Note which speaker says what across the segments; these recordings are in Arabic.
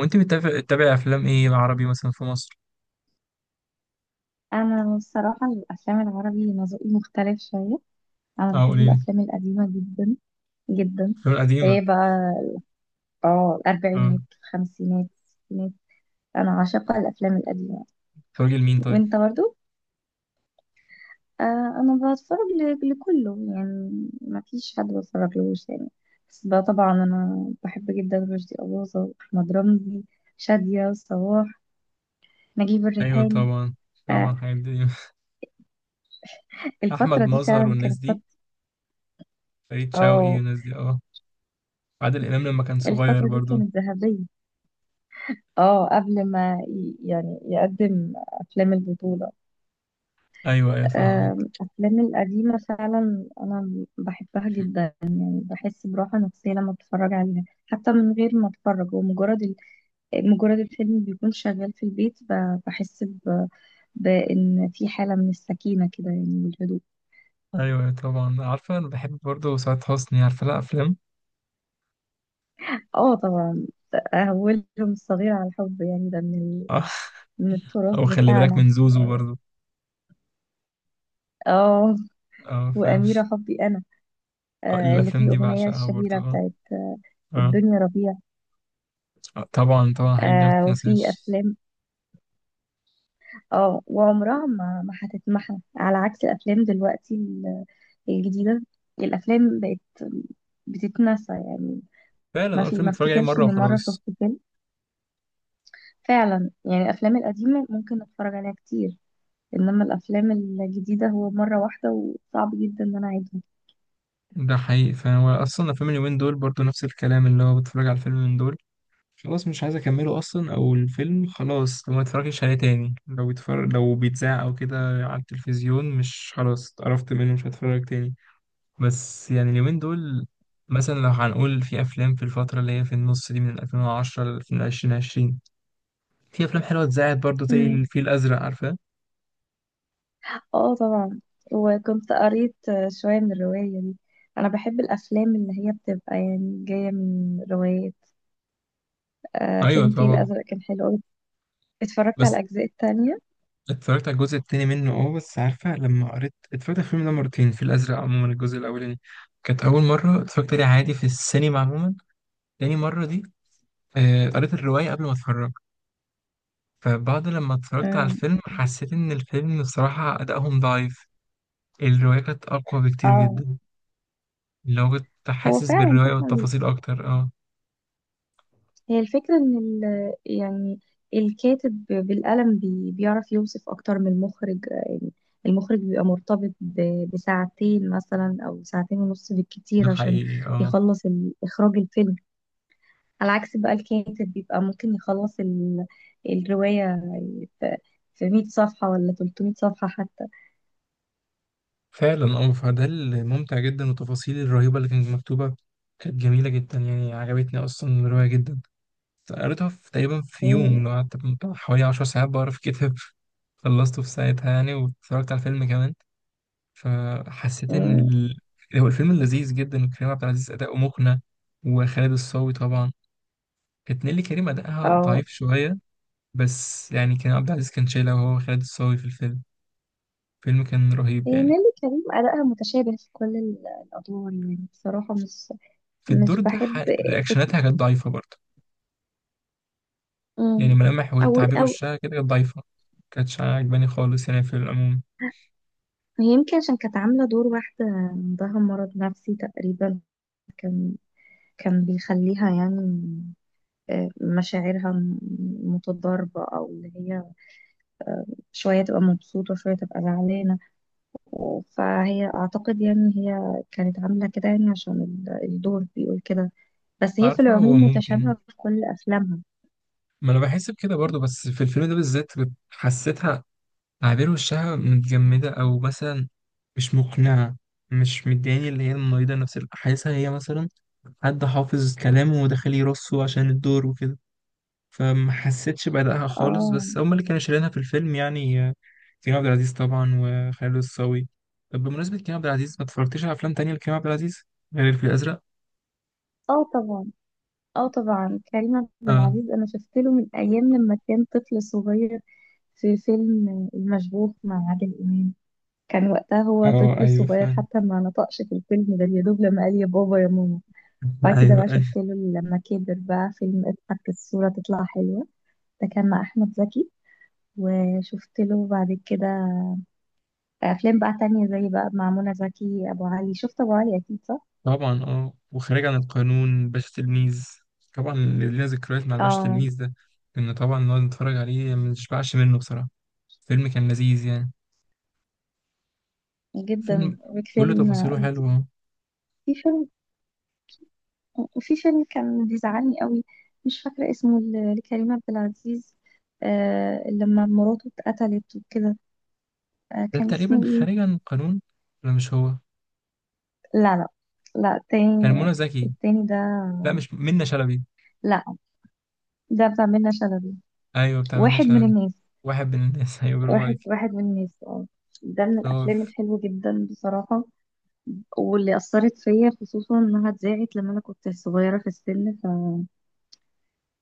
Speaker 1: وانت بتتابع افلام ايه عربي مثلا في مصر؟
Speaker 2: انا الصراحه الافلام العربي ذوقي مختلف شويه. انا
Speaker 1: اه
Speaker 2: بحب
Speaker 1: قولي لي.
Speaker 2: الافلام القديمه جدا جدا.
Speaker 1: الافلام القديمه؟
Speaker 2: ايه بقى. اه،
Speaker 1: اه.
Speaker 2: الاربعينات الخمسينات الستينات. انا عاشقه الافلام القديمه.
Speaker 1: بتتفرجي لمين طيب؟
Speaker 2: وانت برضو؟ آه. انا بتفرج لكله، يعني ما فيش حد بتفرج لهوش يعني. بس بقى طبعا انا بحب جدا رشدي اباظه واحمد رمزي، شاديه وصباح، نجيب
Speaker 1: ايوه
Speaker 2: الريحاني.
Speaker 1: طبعا.
Speaker 2: آه،
Speaker 1: طبعا حاجات دي. احمد
Speaker 2: الفتره دي
Speaker 1: مظهر
Speaker 2: فعلا
Speaker 1: والناس
Speaker 2: كانت
Speaker 1: دي،
Speaker 2: فتره.
Speaker 1: فريد شوقي
Speaker 2: اه،
Speaker 1: والناس دي، اه عادل امام لما كان صغير
Speaker 2: الفتره دي
Speaker 1: برضو.
Speaker 2: كانت ذهبيه. اه، قبل ما يعني يقدم افلام البطولة.
Speaker 1: ايوه ايوه فاهمك.
Speaker 2: افلام القديمة فعلا انا بحبها جدا. يعني بحس براحة نفسية لما بتفرج عليها، حتى من غير ما اتفرج، مجرد الفيلم بيكون شغال في البيت، بحس بان في حالة من السكينة كده، يعني من الهدوء.
Speaker 1: ايوه أيوة طبعا، عارفه انا بحب برضو سعاد حسني، عارفه لها افلام.
Speaker 2: اه طبعا. اولهم الصغير على الحب، يعني
Speaker 1: اه.
Speaker 2: من التراث
Speaker 1: او خلي بالك
Speaker 2: بتاعنا.
Speaker 1: من زوزو برضو.
Speaker 2: اه،
Speaker 1: اه فاهم.
Speaker 2: واميرة حبي انا.
Speaker 1: آه،
Speaker 2: آه، اللي
Speaker 1: الافلام
Speaker 2: فيه
Speaker 1: دي
Speaker 2: اغنية
Speaker 1: بعشقها برضو
Speaker 2: الشهيرة
Speaker 1: اه.
Speaker 2: بتاعت
Speaker 1: اه.
Speaker 2: الدنيا ربيع.
Speaker 1: آه، طبعا طبعا الحاجات دي ما
Speaker 2: آه، وفي
Speaker 1: بتتنساش.
Speaker 2: افلام. اه، وعمرها ما هتتمحى، على عكس الافلام دلوقتي الجديده. الافلام بقت بتتنسى يعني.
Speaker 1: فعلا اه، الفيلم
Speaker 2: ما
Speaker 1: اتفرج عليه
Speaker 2: افتكرش
Speaker 1: مره
Speaker 2: اني مره شفت
Speaker 1: وخلاص.
Speaker 2: فيلم. فعلا يعني الافلام القديمه ممكن اتفرج عليها كتير، انما الافلام الجديده هو مره واحده، وصعب جدا ان انا اعيدها.
Speaker 1: ده حقيقي، فانا اصلا الافلام اليومين دول برضو نفس الكلام، اللي هو بتفرج على الفيلم من دول خلاص مش عايز اكمله اصلا، او الفيلم خلاص لو ما اتفرجش عليه تاني، لو بيتفرج لو بيتذاع او كده على التلفزيون، مش خلاص اتقرفت منه مش هتفرج تاني. بس يعني اليومين دول مثلا، لو هنقول في افلام في الفتره اللي هي في النص دي، من 2010 ل 2020 في افلام حلوه اتذاعت برضو زي
Speaker 2: امم.
Speaker 1: الفيل الازرق، عارفاه؟
Speaker 2: اه طبعا. وكنت قريت شويه من الروايه دي. انا بحب الافلام اللي هي بتبقى يعني جايه من روايه. آه،
Speaker 1: ايوه
Speaker 2: فيلم فيه
Speaker 1: طبعا.
Speaker 2: الأزرق كان حلو أوي. اتفرجت على
Speaker 1: بس
Speaker 2: الأجزاء التانية.
Speaker 1: اتفرجت على الجزء التاني منه اه، بس عارفة لما قريت اتفرجت على الفيلم ده مرتين، في الأزرق عموما الجزء الأولاني كانت أول مرة اتفرجت عليه عادي في السينما عموما. تاني مرة دي آه، قريت الرواية قبل ما اتفرج، فبعد لما اتفرجت على
Speaker 2: امم.
Speaker 1: الفيلم حسيت إن الفيلم بصراحة أدائهم ضعيف. الرواية كانت أقوى بكتير
Speaker 2: اه،
Speaker 1: جدا. اللي هو كنت
Speaker 2: هو
Speaker 1: حاسس
Speaker 2: فعلا
Speaker 1: بالرواية
Speaker 2: طبعا.
Speaker 1: والتفاصيل أكتر اه.
Speaker 2: هي الفكرة إن يعني الكاتب بالقلم بيعرف يوصف أكتر من المخرج، يعني المخرج بيبقى مرتبط بساعتين مثلا، أو ساعتين ونص
Speaker 1: ده
Speaker 2: بالكتير، عشان
Speaker 1: حقيقي اه.
Speaker 2: يخلص إخراج الفيلم. على عكس بقى الكاتب بيبقى ممكن يخلص الرواية في في 100 صفحة ولا 300 صفحة حتى.
Speaker 1: فعلا اه، فده الممتع جدا والتفاصيل الرهيبة اللي كانت مكتوبة كانت جميلة جدا، يعني عجبتني أصلا الرواية جدا. قريتها في تقريبا في يوم، اللي هو قعدت بتاع حوالي 10 ساعات بقرا في كتاب. خلصته في ساعتها يعني، واتفرجت على الفيلم كمان. فحسيت ان
Speaker 2: امم.
Speaker 1: ال... هو الفيلم لذيذ جدا، وكريم عبد العزيز اداؤه مقنع، وخالد الصاوي طبعا. كانت نيللي كريم اداءها ضعيف شويه، بس يعني كريم عبد العزيز كان شايلها وهو خالد الصاوي في الفيلم. الفيلم كان رهيب يعني.
Speaker 2: نيللي كريم أداءها متشابه في كل الأدوار، يعني بصراحة مش
Speaker 1: في الدور
Speaker 2: مش
Speaker 1: ده
Speaker 2: بحب فكرة.
Speaker 1: رياكشناتها كانت ضعيفه برضه. يعني
Speaker 2: مم.
Speaker 1: ملامح
Speaker 2: أو
Speaker 1: وتعبير
Speaker 2: أو
Speaker 1: وشها كده كانت ضعيفه، كانتش عاجباني خالص يعني في العموم.
Speaker 2: هي يمكن عشان كانت عاملة دور واحدة عندها مرض نفسي تقريبا. كان كان بيخليها يعني مشاعرها متضاربة، أو اللي هي شوية تبقى مبسوطة وشوية تبقى زعلانة. فهي أعتقد يعني هي كانت عاملة كده، يعني عشان الدور بيقول كده. بس هي في
Speaker 1: عارفه هو
Speaker 2: العموم
Speaker 1: ممكن،
Speaker 2: متشابهة في كل أفلامها.
Speaker 1: ما انا بحس بكده برضو، بس في الفيلم ده بالذات كنت حسيتها عابر وشها متجمدة، او مثلا مش مقنعة. مش مدياني اللي هي المريضة نفس حاسسها هي مثلا حد حافظ كلامه وداخل يرصه عشان الدور وكده. فما حسيتش بأدائها خالص،
Speaker 2: اه.
Speaker 1: بس هما اللي كانوا شايلينها في الفيلم يعني آه، كريم عبد العزيز طبعا وخالد الصاوي. طب بمناسبة كريم عبد العزيز، ما اتفرجتش على أفلام تانية لكريم عبد العزيز غير الفيل الأزرق؟
Speaker 2: اه طبعا. اه طبعا، كريم عبد
Speaker 1: اه.
Speaker 2: العزيز انا شفت له من ايام لما كان طفل صغير، في فيلم المشبوه مع عادل امام. كان وقتها هو
Speaker 1: اه
Speaker 2: طفل
Speaker 1: ايوه
Speaker 2: صغير،
Speaker 1: فاهم.
Speaker 2: حتى ما نطقش في الفيلم ده، يا دوب لما قال يا بابا يا ماما. بعد كده بقى
Speaker 1: ايوه
Speaker 2: شفت له لما كبر بقى فيلم اضحك الصورة تطلع حلوة، ده كان مع احمد زكي. وشفت له بعد كده افلام بقى تانية، زي بقى مع منى زكي ابو علي، شفت ابو علي اكيد صح.
Speaker 1: طبعا، اه وخارج عن القانون، باشا تلميذ، طبعا اللي لينا ذكريات مع باشا
Speaker 2: اه،
Speaker 1: تلميذ ده. كنا طبعا نقعد نتفرج عليه ما نشبعش منه بصراحة، فيلم كان لذيذ يعني.
Speaker 2: جدا
Speaker 1: فيلم كل
Speaker 2: وفيلم.
Speaker 1: تفاصيله حلوة.
Speaker 2: في فيلم. وفي فيلم كان بيزعلني قوي، مش فاكرة اسمه لكريم عبد العزيز. آه، لما مراته اتقتلت وكده. آه،
Speaker 1: ده
Speaker 2: كان
Speaker 1: تقريبا
Speaker 2: اسمه ايه؟
Speaker 1: خارج عن القانون، ولا مش هو؟
Speaker 2: لا لا. لا،
Speaker 1: كان
Speaker 2: التاني.
Speaker 1: منى زكي.
Speaker 2: التاني ده.
Speaker 1: لا مش منى شلبي،
Speaker 2: لا. ده بتاع منة شلبي،
Speaker 1: ايوه بتاع منى
Speaker 2: واحد من
Speaker 1: شلبي،
Speaker 2: الناس.
Speaker 1: واحد من الناس. ايوه برافو
Speaker 2: واحد
Speaker 1: عليك.
Speaker 2: واحد من الناس. اه، ده من
Speaker 1: اه.
Speaker 2: الافلام الحلوة جدا بصراحة، واللي اثرت فيا، خصوصا انها اتذاعت لما انا كنت صغيرة في السن.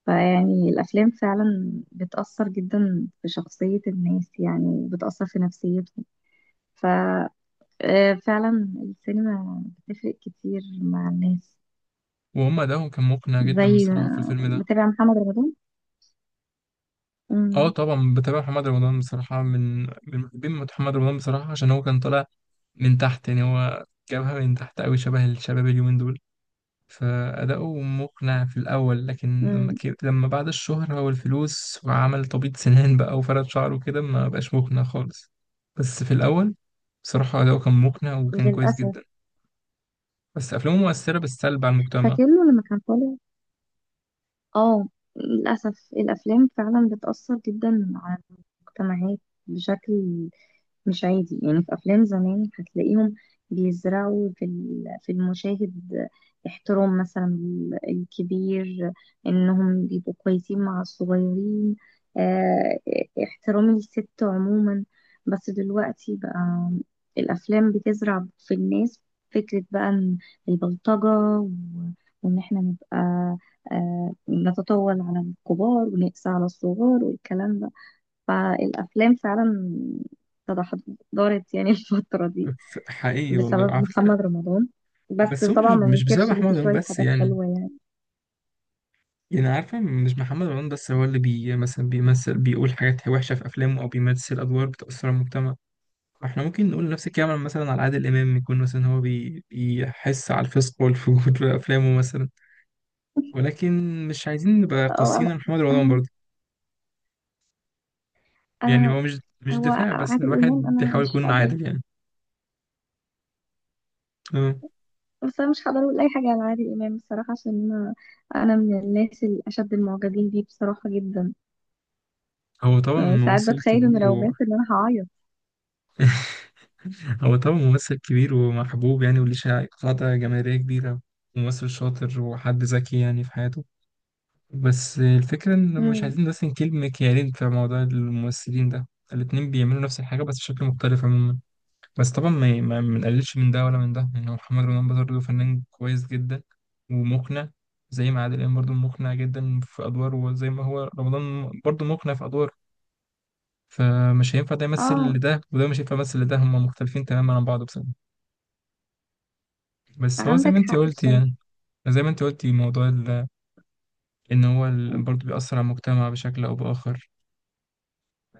Speaker 2: فيعني الافلام فعلا بتأثر جدا في شخصية الناس، يعني بتأثر في نفسيتهم. ف آه، فعلا السينما بتفرق كتير مع الناس.
Speaker 1: وهم ادائهم كان مقنع جدا
Speaker 2: زي
Speaker 1: بصراحة في الفيلم ده.
Speaker 2: متابع محمد رمضان.
Speaker 1: اه
Speaker 2: امم.
Speaker 1: طبعا بتابع محمد رمضان، بصراحة من محبين محمد رمضان بصراحة، عشان هو كان طالع من تحت يعني، هو جابها من تحت أوي شبه الشباب اليومين دول. فأداؤه مقنع في الأول، لكن لما
Speaker 2: امم.
Speaker 1: لما بعد الشهرة والفلوس وعمل تبييض سنان بقى وفرد شعره كده ما بقاش مقنع خالص. بس في الأول بصراحة أداؤه كان مقنع وكان كويس
Speaker 2: للأسف.
Speaker 1: جدا، بس أفلامه مؤثرة بالسلب على المجتمع.
Speaker 2: فاكر له لما كان طالع. اه، للأسف الأفلام فعلا بتأثر جدا على المجتمعات، بشكل مش عادي. يعني في أفلام زمان هتلاقيهم بيزرعوا في في المشاهد احترام مثلا الكبير، إنهم بيبقوا كويسين مع الصغيرين، آه، احترام الست عموما. بس دلوقتي بقى الأفلام بتزرع في الناس فكرة بقى إن البلطجة وإن إحنا نبقى نتطاول على الكبار ونقسى على الصغار والكلام ده. فالأفلام فعلا تدهورت يعني الفترة دي،
Speaker 1: حقيقي والله
Speaker 2: بسبب
Speaker 1: على فكرة.
Speaker 2: محمد رمضان بس.
Speaker 1: بس هو مش
Speaker 2: طبعا ما
Speaker 1: مش بسبب
Speaker 2: ننكرش ان
Speaker 1: محمد
Speaker 2: في
Speaker 1: رمضان
Speaker 2: شوية
Speaker 1: بس
Speaker 2: حاجات
Speaker 1: يعني.
Speaker 2: حلوة يعني.
Speaker 1: يعني عارفة مش محمد رمضان بس هو اللي بي مثلا بيمثل بيقول حاجات وحشة في أفلامه، أو بيمثل أدوار بتأثر على المجتمع. احنا ممكن نقول نفس الكلام مثلا على عادل امام، يكون مثلا هو بيحس على الفسق والفجور في افلامه مثلا، ولكن مش عايزين نبقى
Speaker 2: اه.
Speaker 1: قاسيين على محمد رمضان
Speaker 2: انا
Speaker 1: برضه. يعني هو مش
Speaker 2: انا هو
Speaker 1: دفاع، بس
Speaker 2: عادل امام،
Speaker 1: الواحد
Speaker 2: انا
Speaker 1: بيحاول
Speaker 2: مش
Speaker 1: يكون
Speaker 2: هقدر.
Speaker 1: عادل يعني. آه.
Speaker 2: بس انا مش هقدر اقول اي حاجة على عادل امام بصراحة، عشان انا من الناس الاشد المعجبين بيه بصراحة جدا.
Speaker 1: هو طبعا
Speaker 2: يعني ساعات
Speaker 1: ممثل
Speaker 2: بتخيل انه
Speaker 1: كبير
Speaker 2: لو
Speaker 1: و...
Speaker 2: مات ان انا هعيط.
Speaker 1: هو طبعا ممثل كبير ومحبوب يعني، وليه قاعدة جماهيرية كبيرة، ممثل شاطر وحد ذكي يعني في حياته. بس الفكرة ان مش
Speaker 2: امم.
Speaker 1: عايزين نرسم كلمة كيانين في موضوع الممثلين ده. الاتنين بيعملوا نفس الحاجة بس بشكل مختلف عموما. بس طبعا ما بنقللش من ده ولا من ده يعني، هو محمد رمضان برضه فنان كويس جدا ومقنع، زي ما عادل امام برضه مقنع جدا في ادواره، وزي ما هو رمضان برضه مقنع في ادواره. فمش هينفع ده يمثل
Speaker 2: اه،
Speaker 1: لده، وده مش هينفع يمثل لده، هما مختلفين تماما عن بعض بصراحة. بس هو زي
Speaker 2: عندك
Speaker 1: ما انت
Speaker 2: حق
Speaker 1: قلت
Speaker 2: بصراحة.
Speaker 1: يعني، زي ما انت قلتي موضوع ان هو برضه بيأثر على المجتمع بشكل او بآخر.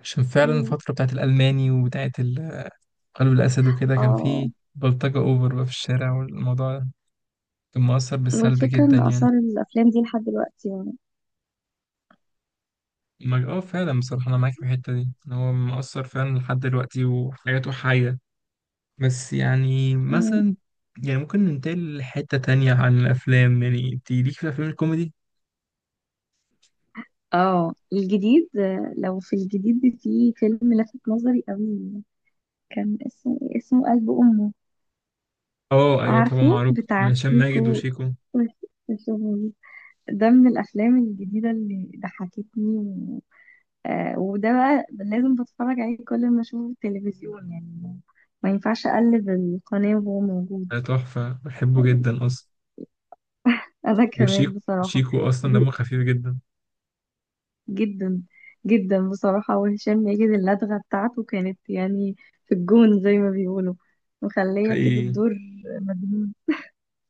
Speaker 1: عشان فعلا
Speaker 2: امم.
Speaker 1: الفترة بتاعت الألماني وبتاعت قلب الأسد وكده، كان
Speaker 2: اه،
Speaker 1: فيه بلطجة أوفر بقى في الشارع، والموضوع كان مؤثر بالسلب
Speaker 2: والفكرة
Speaker 1: جدا
Speaker 2: ان
Speaker 1: يعني.
Speaker 2: اثار الافلام دي لحد دلوقتي
Speaker 1: ما اه فعلا بصراحة أنا معاك في الحتة دي، إن هو مؤثر فعلا لحد دلوقتي وحياته حية. بس يعني
Speaker 2: يعني.
Speaker 1: مثلا، يعني ممكن ننتقل لحتة تانية عن الأفلام. يعني أنت ليك في الأفلام الكوميدي؟
Speaker 2: اه، الجديد، لو في الجديد في فيلم لفت نظري قوي، كان اسمه إيه؟ اسمه قلب أمه.
Speaker 1: اه أيوة طبعا،
Speaker 2: عارفه
Speaker 1: معروف
Speaker 2: بتاع
Speaker 1: هشام ماجد
Speaker 2: سيكو
Speaker 1: وشيكو.
Speaker 2: وشهور. ده من الأفلام الجديدة اللي ضحكتني. آه، وده بقى لازم بتفرج عليه كل ما أشوفه في التلفزيون، يعني ما ينفعش أقلب القناة وهو موجود.
Speaker 1: ده تحفة بحبه جدا أصلا،
Speaker 2: أنا
Speaker 1: وشيكو،
Speaker 2: كمان بصراحة.
Speaker 1: شيكو أصلا دمه خفيف جدا.
Speaker 2: جدا جدا بصراحة. وهشام ماجد اللدغة بتاعته كانت يعني في الجون، زي ما بيقولوا، مخلية كده
Speaker 1: حقيقي.
Speaker 2: الدور مجنون.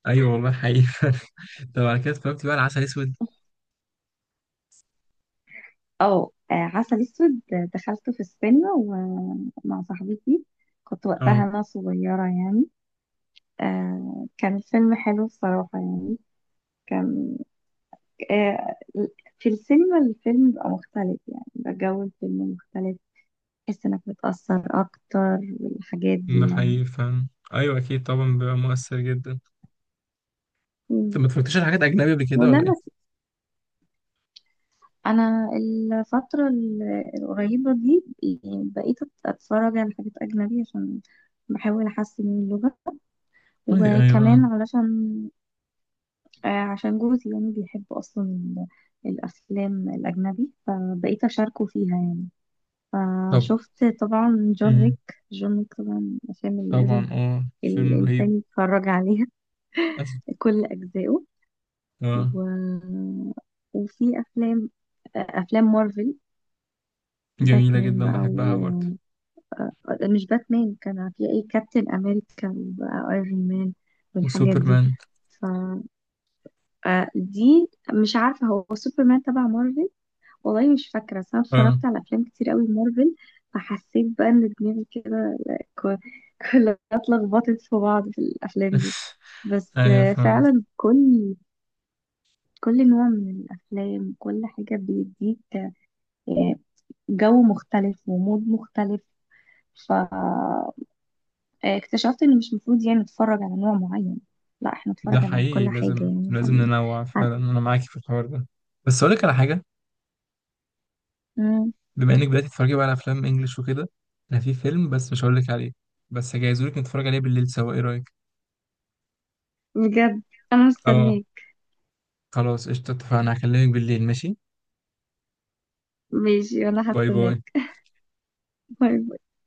Speaker 1: أيوة والله حقيقي. طب على كده اتفرجت بقى على عسل أسود؟
Speaker 2: اه. عسل اسود، دخلته في السينما ومع صاحبتي. كنت وقتها
Speaker 1: اه.
Speaker 2: انا صغيرة يعني. كان الفيلم حلو بصراحة يعني. كان. آه، في السينما الفيلم بقى مختلف، يعني بقى جو الفيلم مختلف، تحس انك متأثر اكتر والحاجات
Speaker 1: ده
Speaker 2: دي يعني.
Speaker 1: حقيقي فعلا. أيوة أكيد طبعا بيبقى مؤثر جدا.
Speaker 2: مم.
Speaker 1: طب ما اتفرجتش على حاجات أجنبي قبل كده ولا
Speaker 2: ولما
Speaker 1: إيه؟
Speaker 2: انا الفتره القريبه دي يعني بقيت اتفرج على حاجات اجنبي، عشان بحاول احسن من اللغه، وكمان
Speaker 1: أيوة.
Speaker 2: علشان عشان جوزي يعني بيحب اصلا الافلام الاجنبي، فبقيت اشاركه فيها يعني.
Speaker 1: طب.
Speaker 2: فشفت طبعا جون
Speaker 1: مم.
Speaker 2: ويك. جون ويك طبعا الافلام اللي لازم
Speaker 1: طبعا اه فيلم رهيب.
Speaker 2: الانسان يتفرج عليها
Speaker 1: أس-
Speaker 2: كل اجزائه.
Speaker 1: اه
Speaker 2: و... وفي افلام، افلام مارفل.
Speaker 1: جميلة
Speaker 2: باتمان
Speaker 1: جدا
Speaker 2: بقى.
Speaker 1: بحبها برضه.
Speaker 2: آه، مش باتمان، كان في اي كابتن امريكا وايرون مان والحاجات دي.
Speaker 1: وسوبرمان.
Speaker 2: ف دي مش عارفه هو سوبرمان تبع مارفل، والله مش فاكره. بس انا
Speaker 1: اه.
Speaker 2: اتفرجت على افلام كتير قوي مارفل، فحسيت بقى ان دماغي كده ك- كلها اتلخبطت في بعض في الافلام دي. بس
Speaker 1: ايوه فهمت.
Speaker 2: فعلا كل نوع من الافلام كل حاجه بيديك آه، جو مختلف ومود مختلف. ف اكتشفت ان مش مفروض يعني نتفرج على نوع معين، لا احنا نتفرج
Speaker 1: ده
Speaker 2: على
Speaker 1: حقيقي،
Speaker 2: كل حاجة
Speaker 1: لازم
Speaker 2: يعني
Speaker 1: لازم ننوع
Speaker 2: هن...
Speaker 1: فعلا، انا معاكي في الحوار ده. بس اقول لك على حاجة،
Speaker 2: مم،
Speaker 1: بما انك بدأت تتفرجي بقى على افلام انجلش وكده، انا في فيلم بس مش هقول لك عليه، بس هجهزهولك نتفرج عليه بالليل سوا، ايه رأيك؟
Speaker 2: بجد، انا
Speaker 1: اه.
Speaker 2: مستنياك.
Speaker 1: خلاص قشطة اتفقنا، هكلمك بالليل ماشي.
Speaker 2: ماشي، وانا
Speaker 1: باي باي.
Speaker 2: هستناك. باي باي.